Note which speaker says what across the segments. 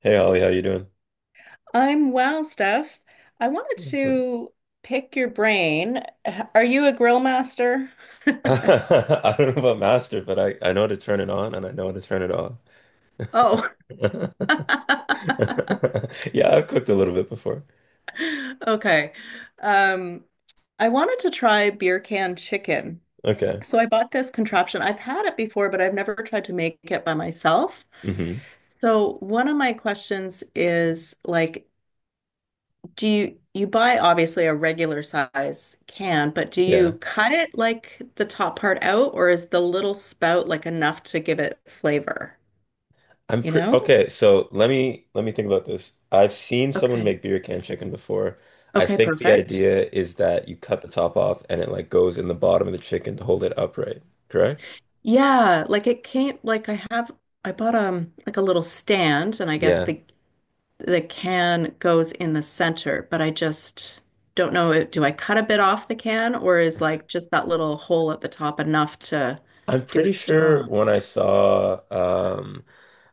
Speaker 1: Hey Ollie, how you doing?
Speaker 2: I'm well, Steph. I wanted
Speaker 1: Excellent.
Speaker 2: to pick your brain. Are you a grill master?
Speaker 1: I don't know about master, but I know how to turn it on and I know how to turn it off.
Speaker 2: Oh,
Speaker 1: Yeah, I've cooked a little bit before.
Speaker 2: okay. Um, I wanted to try beer can chicken.
Speaker 1: Okay.
Speaker 2: So I bought this contraption. I've had it before, but I've never tried to make it by myself.
Speaker 1: hmm
Speaker 2: So one of my questions is like, do you buy obviously a regular size can, but do you
Speaker 1: Yeah.
Speaker 2: cut it like the top part out, or is the little spout like enough to give it flavor?
Speaker 1: I'm
Speaker 2: You
Speaker 1: pretty
Speaker 2: know?
Speaker 1: okay, so let me think about this. I've seen someone
Speaker 2: Okay.
Speaker 1: make beer can chicken before. I
Speaker 2: Okay,
Speaker 1: think the
Speaker 2: perfect.
Speaker 1: idea is that you cut the top off and it like goes in the bottom of the chicken to hold it upright, correct?
Speaker 2: Yeah, like it came like I have I bought like a little stand and I guess
Speaker 1: Yeah.
Speaker 2: the can goes in the center, but I just don't know it- do I cut a bit off the can or is like just that little hole at the top enough to
Speaker 1: I'm
Speaker 2: do
Speaker 1: pretty
Speaker 2: its
Speaker 1: sure
Speaker 2: job?
Speaker 1: when I saw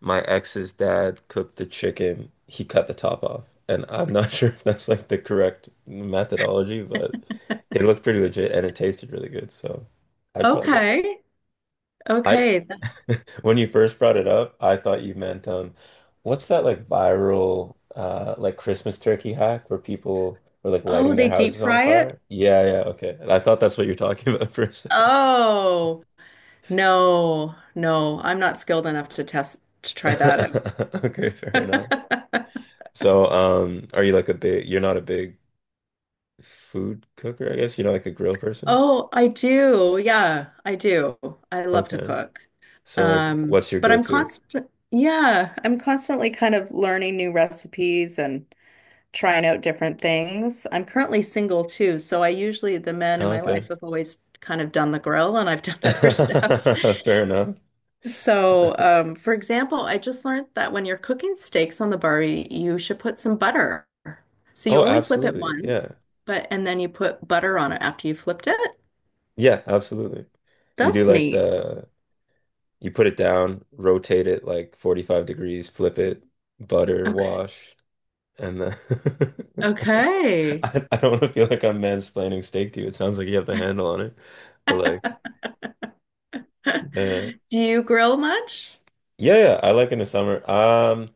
Speaker 1: my ex's dad cook the chicken, he cut the top off. And I'm not sure if that's like the correct methodology, but it looked pretty legit and it tasted really good. So I'd probably go.
Speaker 2: Okay.
Speaker 1: I
Speaker 2: Okay,
Speaker 1: When you first brought it up, I thought you meant what's that like viral like Christmas turkey hack where people were like
Speaker 2: oh,
Speaker 1: lighting their
Speaker 2: they deep
Speaker 1: houses on
Speaker 2: fry it?
Speaker 1: fire? Yeah, yeah, okay. I thought that's what you're talking about for a second.
Speaker 2: Oh, no, no, I'm not skilled enough to test to try that
Speaker 1: Okay, fair
Speaker 2: out.
Speaker 1: enough. So, are you like a big, you're not a big food cooker, I guess? You're not like a grill person?
Speaker 2: Oh, I do. Yeah, I do. I love to
Speaker 1: Okay.
Speaker 2: cook.
Speaker 1: So like,
Speaker 2: Um,
Speaker 1: what's your
Speaker 2: but I'm
Speaker 1: go-to?
Speaker 2: constant, yeah, I'm constantly kind of learning new recipes and trying out different things. I'm currently single too, so I usually, the men in
Speaker 1: Oh,
Speaker 2: my life
Speaker 1: okay.
Speaker 2: have always kind of done the grill and I've done other stuff.
Speaker 1: Fair enough.
Speaker 2: So, for example, I just learned that when you're cooking steaks on the Barbie, you should put some butter. So you
Speaker 1: Oh,
Speaker 2: only flip it
Speaker 1: absolutely. Yeah.
Speaker 2: once, but and then you put butter on it after you flipped it.
Speaker 1: Yeah, absolutely. You do
Speaker 2: That's
Speaker 1: like
Speaker 2: neat.
Speaker 1: you put it down, rotate it like 45 degrees, flip it, butter,
Speaker 2: Okay.
Speaker 1: wash, and then
Speaker 2: Okay.
Speaker 1: I don't want to feel like I'm mansplaining steak to you. It sounds like you have the handle on it, but like, yeah.
Speaker 2: Do you grill much?
Speaker 1: Yeah, yeah, I like in the summer.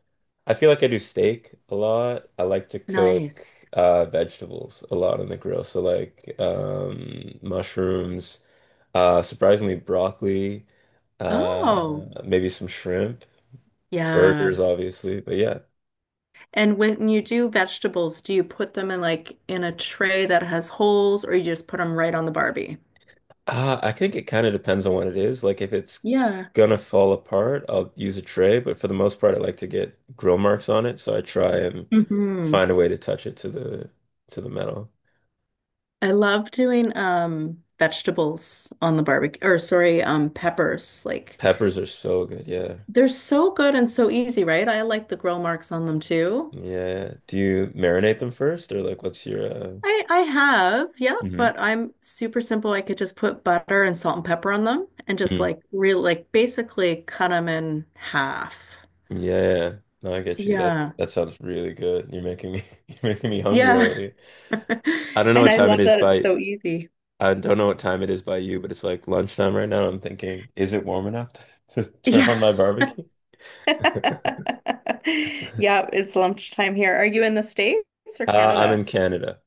Speaker 1: I feel like I do steak a lot. I like to
Speaker 2: Nice.
Speaker 1: cook vegetables a lot on the grill. So like mushrooms, surprisingly broccoli, uh
Speaker 2: Oh,
Speaker 1: maybe some shrimp,
Speaker 2: yeah.
Speaker 1: burgers obviously. But yeah.
Speaker 2: And when you do vegetables, do you put them in like in a tray that has holes or you just put them right on the Barbie?
Speaker 1: I think it kind of depends on what it is. Like if it's
Speaker 2: Yeah.
Speaker 1: gonna fall apart, I'll use a tray, but for the most part I like to get grill marks on it, so I try and
Speaker 2: hmm
Speaker 1: find a way to touch it to the metal.
Speaker 2: I love doing vegetables on the barbecue or sorry, peppers. Like
Speaker 1: Peppers are so good. Yeah.
Speaker 2: they're so good and so easy, right? I like the grill marks on them too.
Speaker 1: Yeah. Do you marinate them first or like what's your
Speaker 2: I have, yeah,
Speaker 1: Mhm.
Speaker 2: but I'm super simple. I could just put butter and salt and pepper on them and just
Speaker 1: Mm.
Speaker 2: like real like basically cut them in half.
Speaker 1: Yeah. Yeah, yeah. No, I get you. That
Speaker 2: Yeah.
Speaker 1: that sounds really good. You're making me you're making me hungry
Speaker 2: Yeah.
Speaker 1: already. I don't know
Speaker 2: And
Speaker 1: what
Speaker 2: I
Speaker 1: time it
Speaker 2: love
Speaker 1: is
Speaker 2: that it's
Speaker 1: by
Speaker 2: so easy.
Speaker 1: I don't know what time it is by you, but it's like lunchtime right now. I'm thinking, is it warm enough to, turn
Speaker 2: Yeah.
Speaker 1: on my barbecue?
Speaker 2: Yeah, it's lunchtime here. Are you in the States or
Speaker 1: I'm
Speaker 2: Canada?
Speaker 1: in Canada.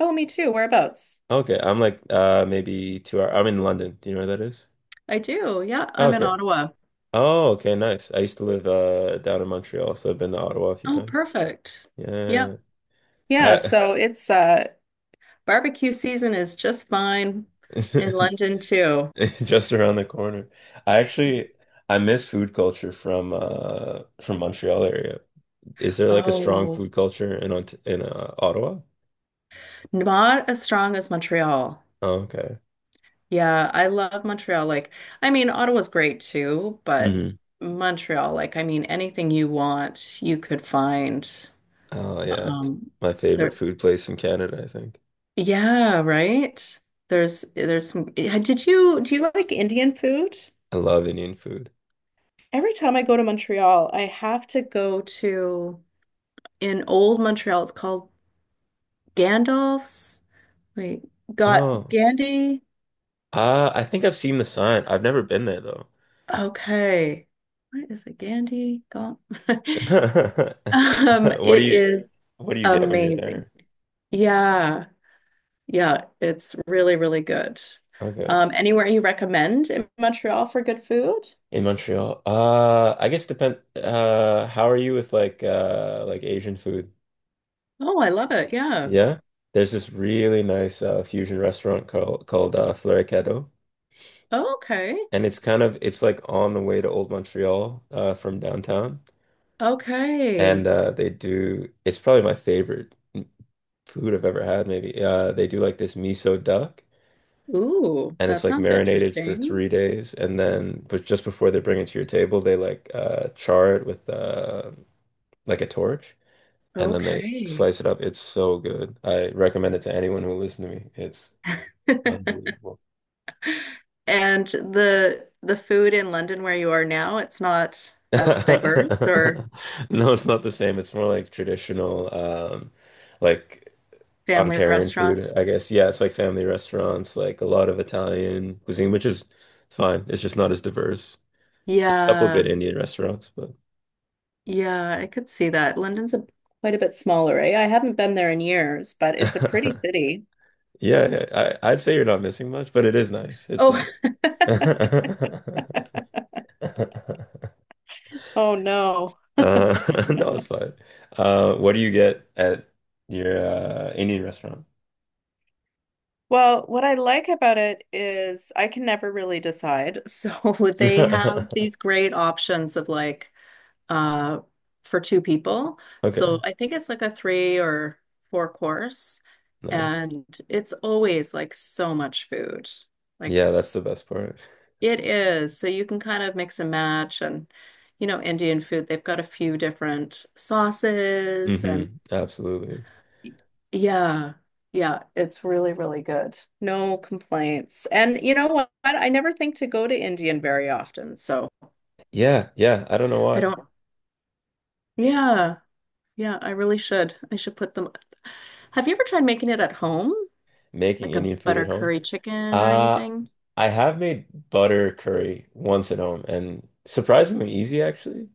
Speaker 2: Oh, me too. Whereabouts?
Speaker 1: Okay, I'm like maybe 2 hour. I'm in London. Do you know where that is?
Speaker 2: I do. Yeah, I'm in
Speaker 1: Okay.
Speaker 2: Ottawa.
Speaker 1: Oh, okay, nice. I used to live down in Montreal, so I've been to Ottawa a few
Speaker 2: Oh,
Speaker 1: times.
Speaker 2: perfect. Yeah.
Speaker 1: Yeah.
Speaker 2: Yeah,
Speaker 1: I
Speaker 2: so it's Barbecue season is just fine in London too.
Speaker 1: Just around the corner. I actually I miss food culture from Montreal area. Is there like a strong
Speaker 2: Oh,
Speaker 1: food culture in Ont in Ottawa?
Speaker 2: not as strong as Montreal.
Speaker 1: Oh, okay.
Speaker 2: Yeah, I love Montreal. Like, I mean, Ottawa's great too, but
Speaker 1: hmm
Speaker 2: Montreal, like, I mean, anything you want, you could find.
Speaker 1: Oh yeah, it's
Speaker 2: Um,
Speaker 1: my favorite
Speaker 2: there,
Speaker 1: food place in Canada, I think.
Speaker 2: yeah, right. There's some. Did you do you like Indian food?
Speaker 1: I love Indian food.
Speaker 2: Every time I go to Montreal, I have to go to in old Montreal. It's called Gandalf's. Wait, got
Speaker 1: Oh.
Speaker 2: Gandhi?
Speaker 1: I think I've seen the sign. I've never been there though.
Speaker 2: Okay. What is it? Gandhi? Gal-
Speaker 1: What do
Speaker 2: It
Speaker 1: you
Speaker 2: is
Speaker 1: what do you get when you're
Speaker 2: amazing.
Speaker 1: there?
Speaker 2: Yeah. Yeah, it's really, really good.
Speaker 1: Okay.
Speaker 2: Anywhere you recommend in Montreal for good food?
Speaker 1: In Montreal. I guess depend how are you with like Asian food?
Speaker 2: Oh, I love it. Yeah.
Speaker 1: Yeah. There's this really nice fusion restaurant called Floricadeau.
Speaker 2: Oh, okay.
Speaker 1: And it's kind of it's like on the way to Old Montreal from downtown. And
Speaker 2: Okay.
Speaker 1: they do it's probably my favorite food I've ever had maybe. They do like this miso duck
Speaker 2: Ooh,
Speaker 1: and
Speaker 2: that
Speaker 1: it's like
Speaker 2: sounds
Speaker 1: marinated for
Speaker 2: interesting.
Speaker 1: 3 days and then but just before they bring it to your table they like char it with like a torch and then they
Speaker 2: Okay.
Speaker 1: slice it up. It's so good. I recommend it to anyone who listens to me. It's unbelievable.
Speaker 2: And the food in London where you are now, it's not
Speaker 1: No,
Speaker 2: as diverse or
Speaker 1: it's not the same. It's more like traditional, like
Speaker 2: family
Speaker 1: Ontarian food,
Speaker 2: restaurants.
Speaker 1: I guess. Yeah, it's like family restaurants, like a lot of Italian cuisine, which is fine. It's just not as diverse. A couple
Speaker 2: Yeah,
Speaker 1: good Indian restaurants, but
Speaker 2: yeah, I could see that. London's a quite a bit smaller, eh? I haven't been there in years, but it's a pretty
Speaker 1: yeah,
Speaker 2: city.
Speaker 1: yeah, I, I'd say you're not missing much, but it is nice. It's
Speaker 2: Oh,
Speaker 1: like
Speaker 2: oh no.
Speaker 1: Uh, no, it's fine. What do you get at your Indian restaurant?
Speaker 2: Well, what I like about it is I can never really decide. So they have these great options of like uh, for two people. So
Speaker 1: Okay,
Speaker 2: I think it's like a three or four course,
Speaker 1: nice.
Speaker 2: and it's always like so much food. Like
Speaker 1: Yeah, that's the best part.
Speaker 2: it is. So you can kind of mix and match and you know, Indian food, they've got a few different sauces and
Speaker 1: hmm Absolutely.
Speaker 2: yeah. Yeah, it's really, really good. No complaints. And you know what? I never think to go to Indian very often, so
Speaker 1: Yeah, yeah. I don't know
Speaker 2: I
Speaker 1: why
Speaker 2: don't. Yeah. Yeah, I really should. I should put them. Have you ever tried making it at home?
Speaker 1: making
Speaker 2: Like a
Speaker 1: Indian food
Speaker 2: butter
Speaker 1: at home.
Speaker 2: curry chicken or
Speaker 1: Uh,
Speaker 2: anything?
Speaker 1: I have made butter curry once at home, and surprisingly easy actually.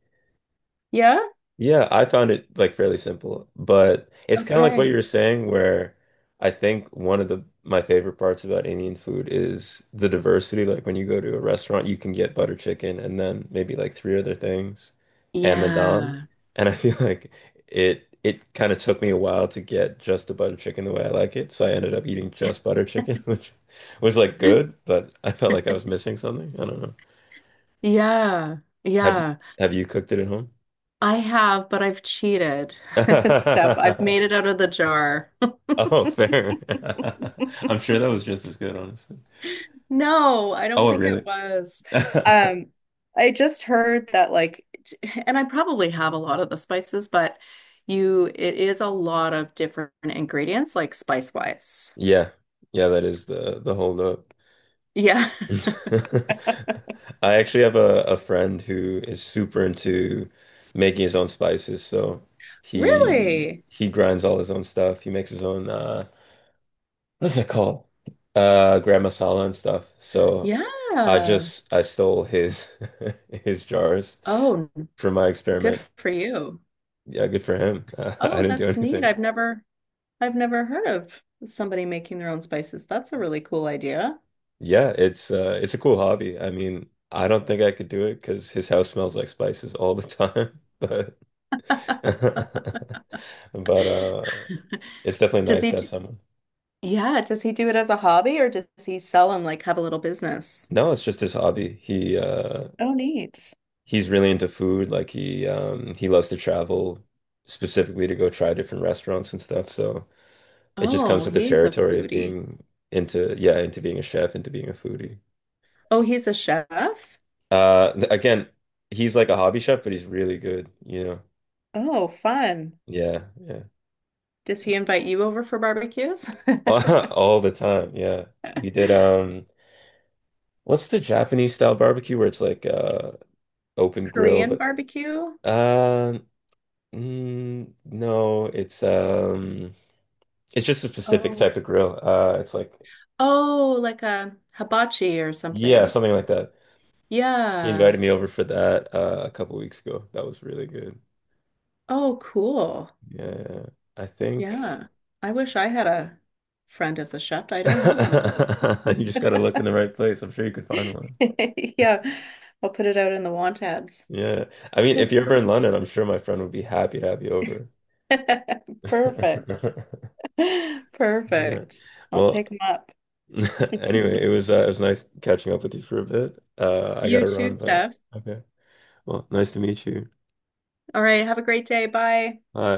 Speaker 2: Yeah?
Speaker 1: Yeah, I found it like fairly simple, but it's kind of like what you
Speaker 2: Okay.
Speaker 1: were saying, where I think one of the my favorite parts about Indian food is the diversity. Like when you go to a restaurant, you can get butter chicken and then maybe like three other things and the naan.
Speaker 2: Yeah.
Speaker 1: And I feel like it kind of took me a while to get just the butter chicken the way I like it. So I ended up eating just butter chicken, which was like good, but I felt like I was missing something. I don't know.
Speaker 2: Yeah.
Speaker 1: Have you
Speaker 2: Yeah.
Speaker 1: have you cooked it at home?
Speaker 2: I have, but I've cheated. Steph, I've made it out of the jar.
Speaker 1: Oh, fair. I'm sure that was just as good, honestly.
Speaker 2: No, I don't
Speaker 1: Oh, it
Speaker 2: think
Speaker 1: really?
Speaker 2: it was. Um, I just heard that like, t- and I probably have a lot of the spices, but you, it is a lot of different ingredients, like spice wise.
Speaker 1: Yeah. Yeah, that is the hold up.
Speaker 2: Yeah.
Speaker 1: I actually have a friend who is super into making his own spices, so he
Speaker 2: Really?
Speaker 1: he grinds all his own stuff. He makes his own what's it called? Uh, gram masala and stuff. So I
Speaker 2: Yeah.
Speaker 1: just I stole his his jars
Speaker 2: Oh,
Speaker 1: for my
Speaker 2: good
Speaker 1: experiment.
Speaker 2: for you.
Speaker 1: Yeah, good for him. I
Speaker 2: Oh,
Speaker 1: didn't do
Speaker 2: that's neat.
Speaker 1: anything.
Speaker 2: I've never heard of somebody making their own spices. That's a really cool idea.
Speaker 1: Yeah, it's a cool hobby. I mean, I don't think I could do it because his house smells like spices all the time. But but it's definitely
Speaker 2: Does
Speaker 1: nice
Speaker 2: he,
Speaker 1: to have
Speaker 2: d-
Speaker 1: someone.
Speaker 2: yeah, does he do it as a hobby or does he sell and like have a little business?
Speaker 1: No, it's just his hobby.
Speaker 2: Oh, neat.
Speaker 1: He's really into food. Like he loves to travel specifically to go try different restaurants and stuff. So it just comes
Speaker 2: Oh,
Speaker 1: with the
Speaker 2: he's a
Speaker 1: territory of
Speaker 2: foodie.
Speaker 1: being into yeah, into being a chef, into being a foodie.
Speaker 2: Oh, he's a chef?
Speaker 1: Uh th- again, he's like a hobby chef, but he's really good, you know.
Speaker 2: Oh, fun.
Speaker 1: Yeah, yeah.
Speaker 2: Does he invite you over for barbecues?
Speaker 1: All the time, yeah. We did what's the Japanese style barbecue where it's like open grill
Speaker 2: Korean
Speaker 1: but
Speaker 2: barbecue?
Speaker 1: uh no, it's just a specific
Speaker 2: Oh,
Speaker 1: type of grill. It's like
Speaker 2: oh, like a hibachi or
Speaker 1: yeah,
Speaker 2: something.
Speaker 1: something like that. He
Speaker 2: Yeah.
Speaker 1: invited me over for that a couple weeks ago. That was really good.
Speaker 2: Oh, cool.
Speaker 1: Yeah. I think
Speaker 2: Yeah. I wish I had a friend as a chef. I don't have one of those.
Speaker 1: you just gotta look in the right place. I'm sure you could find one.
Speaker 2: Yeah. I'll put it out in the want ads.
Speaker 1: Yeah. I mean, if you're ever in London, I'm sure my friend would be happy to have you over.
Speaker 2: Perfect.
Speaker 1: Yeah.
Speaker 2: Perfect. I'll
Speaker 1: Well,
Speaker 2: take them up.
Speaker 1: anyway, it was nice catching up with you for a bit. I
Speaker 2: You
Speaker 1: gotta
Speaker 2: too,
Speaker 1: run, but
Speaker 2: Steph.
Speaker 1: okay. Well, nice to meet you.
Speaker 2: All right. Have a great day. Bye.
Speaker 1: Bye.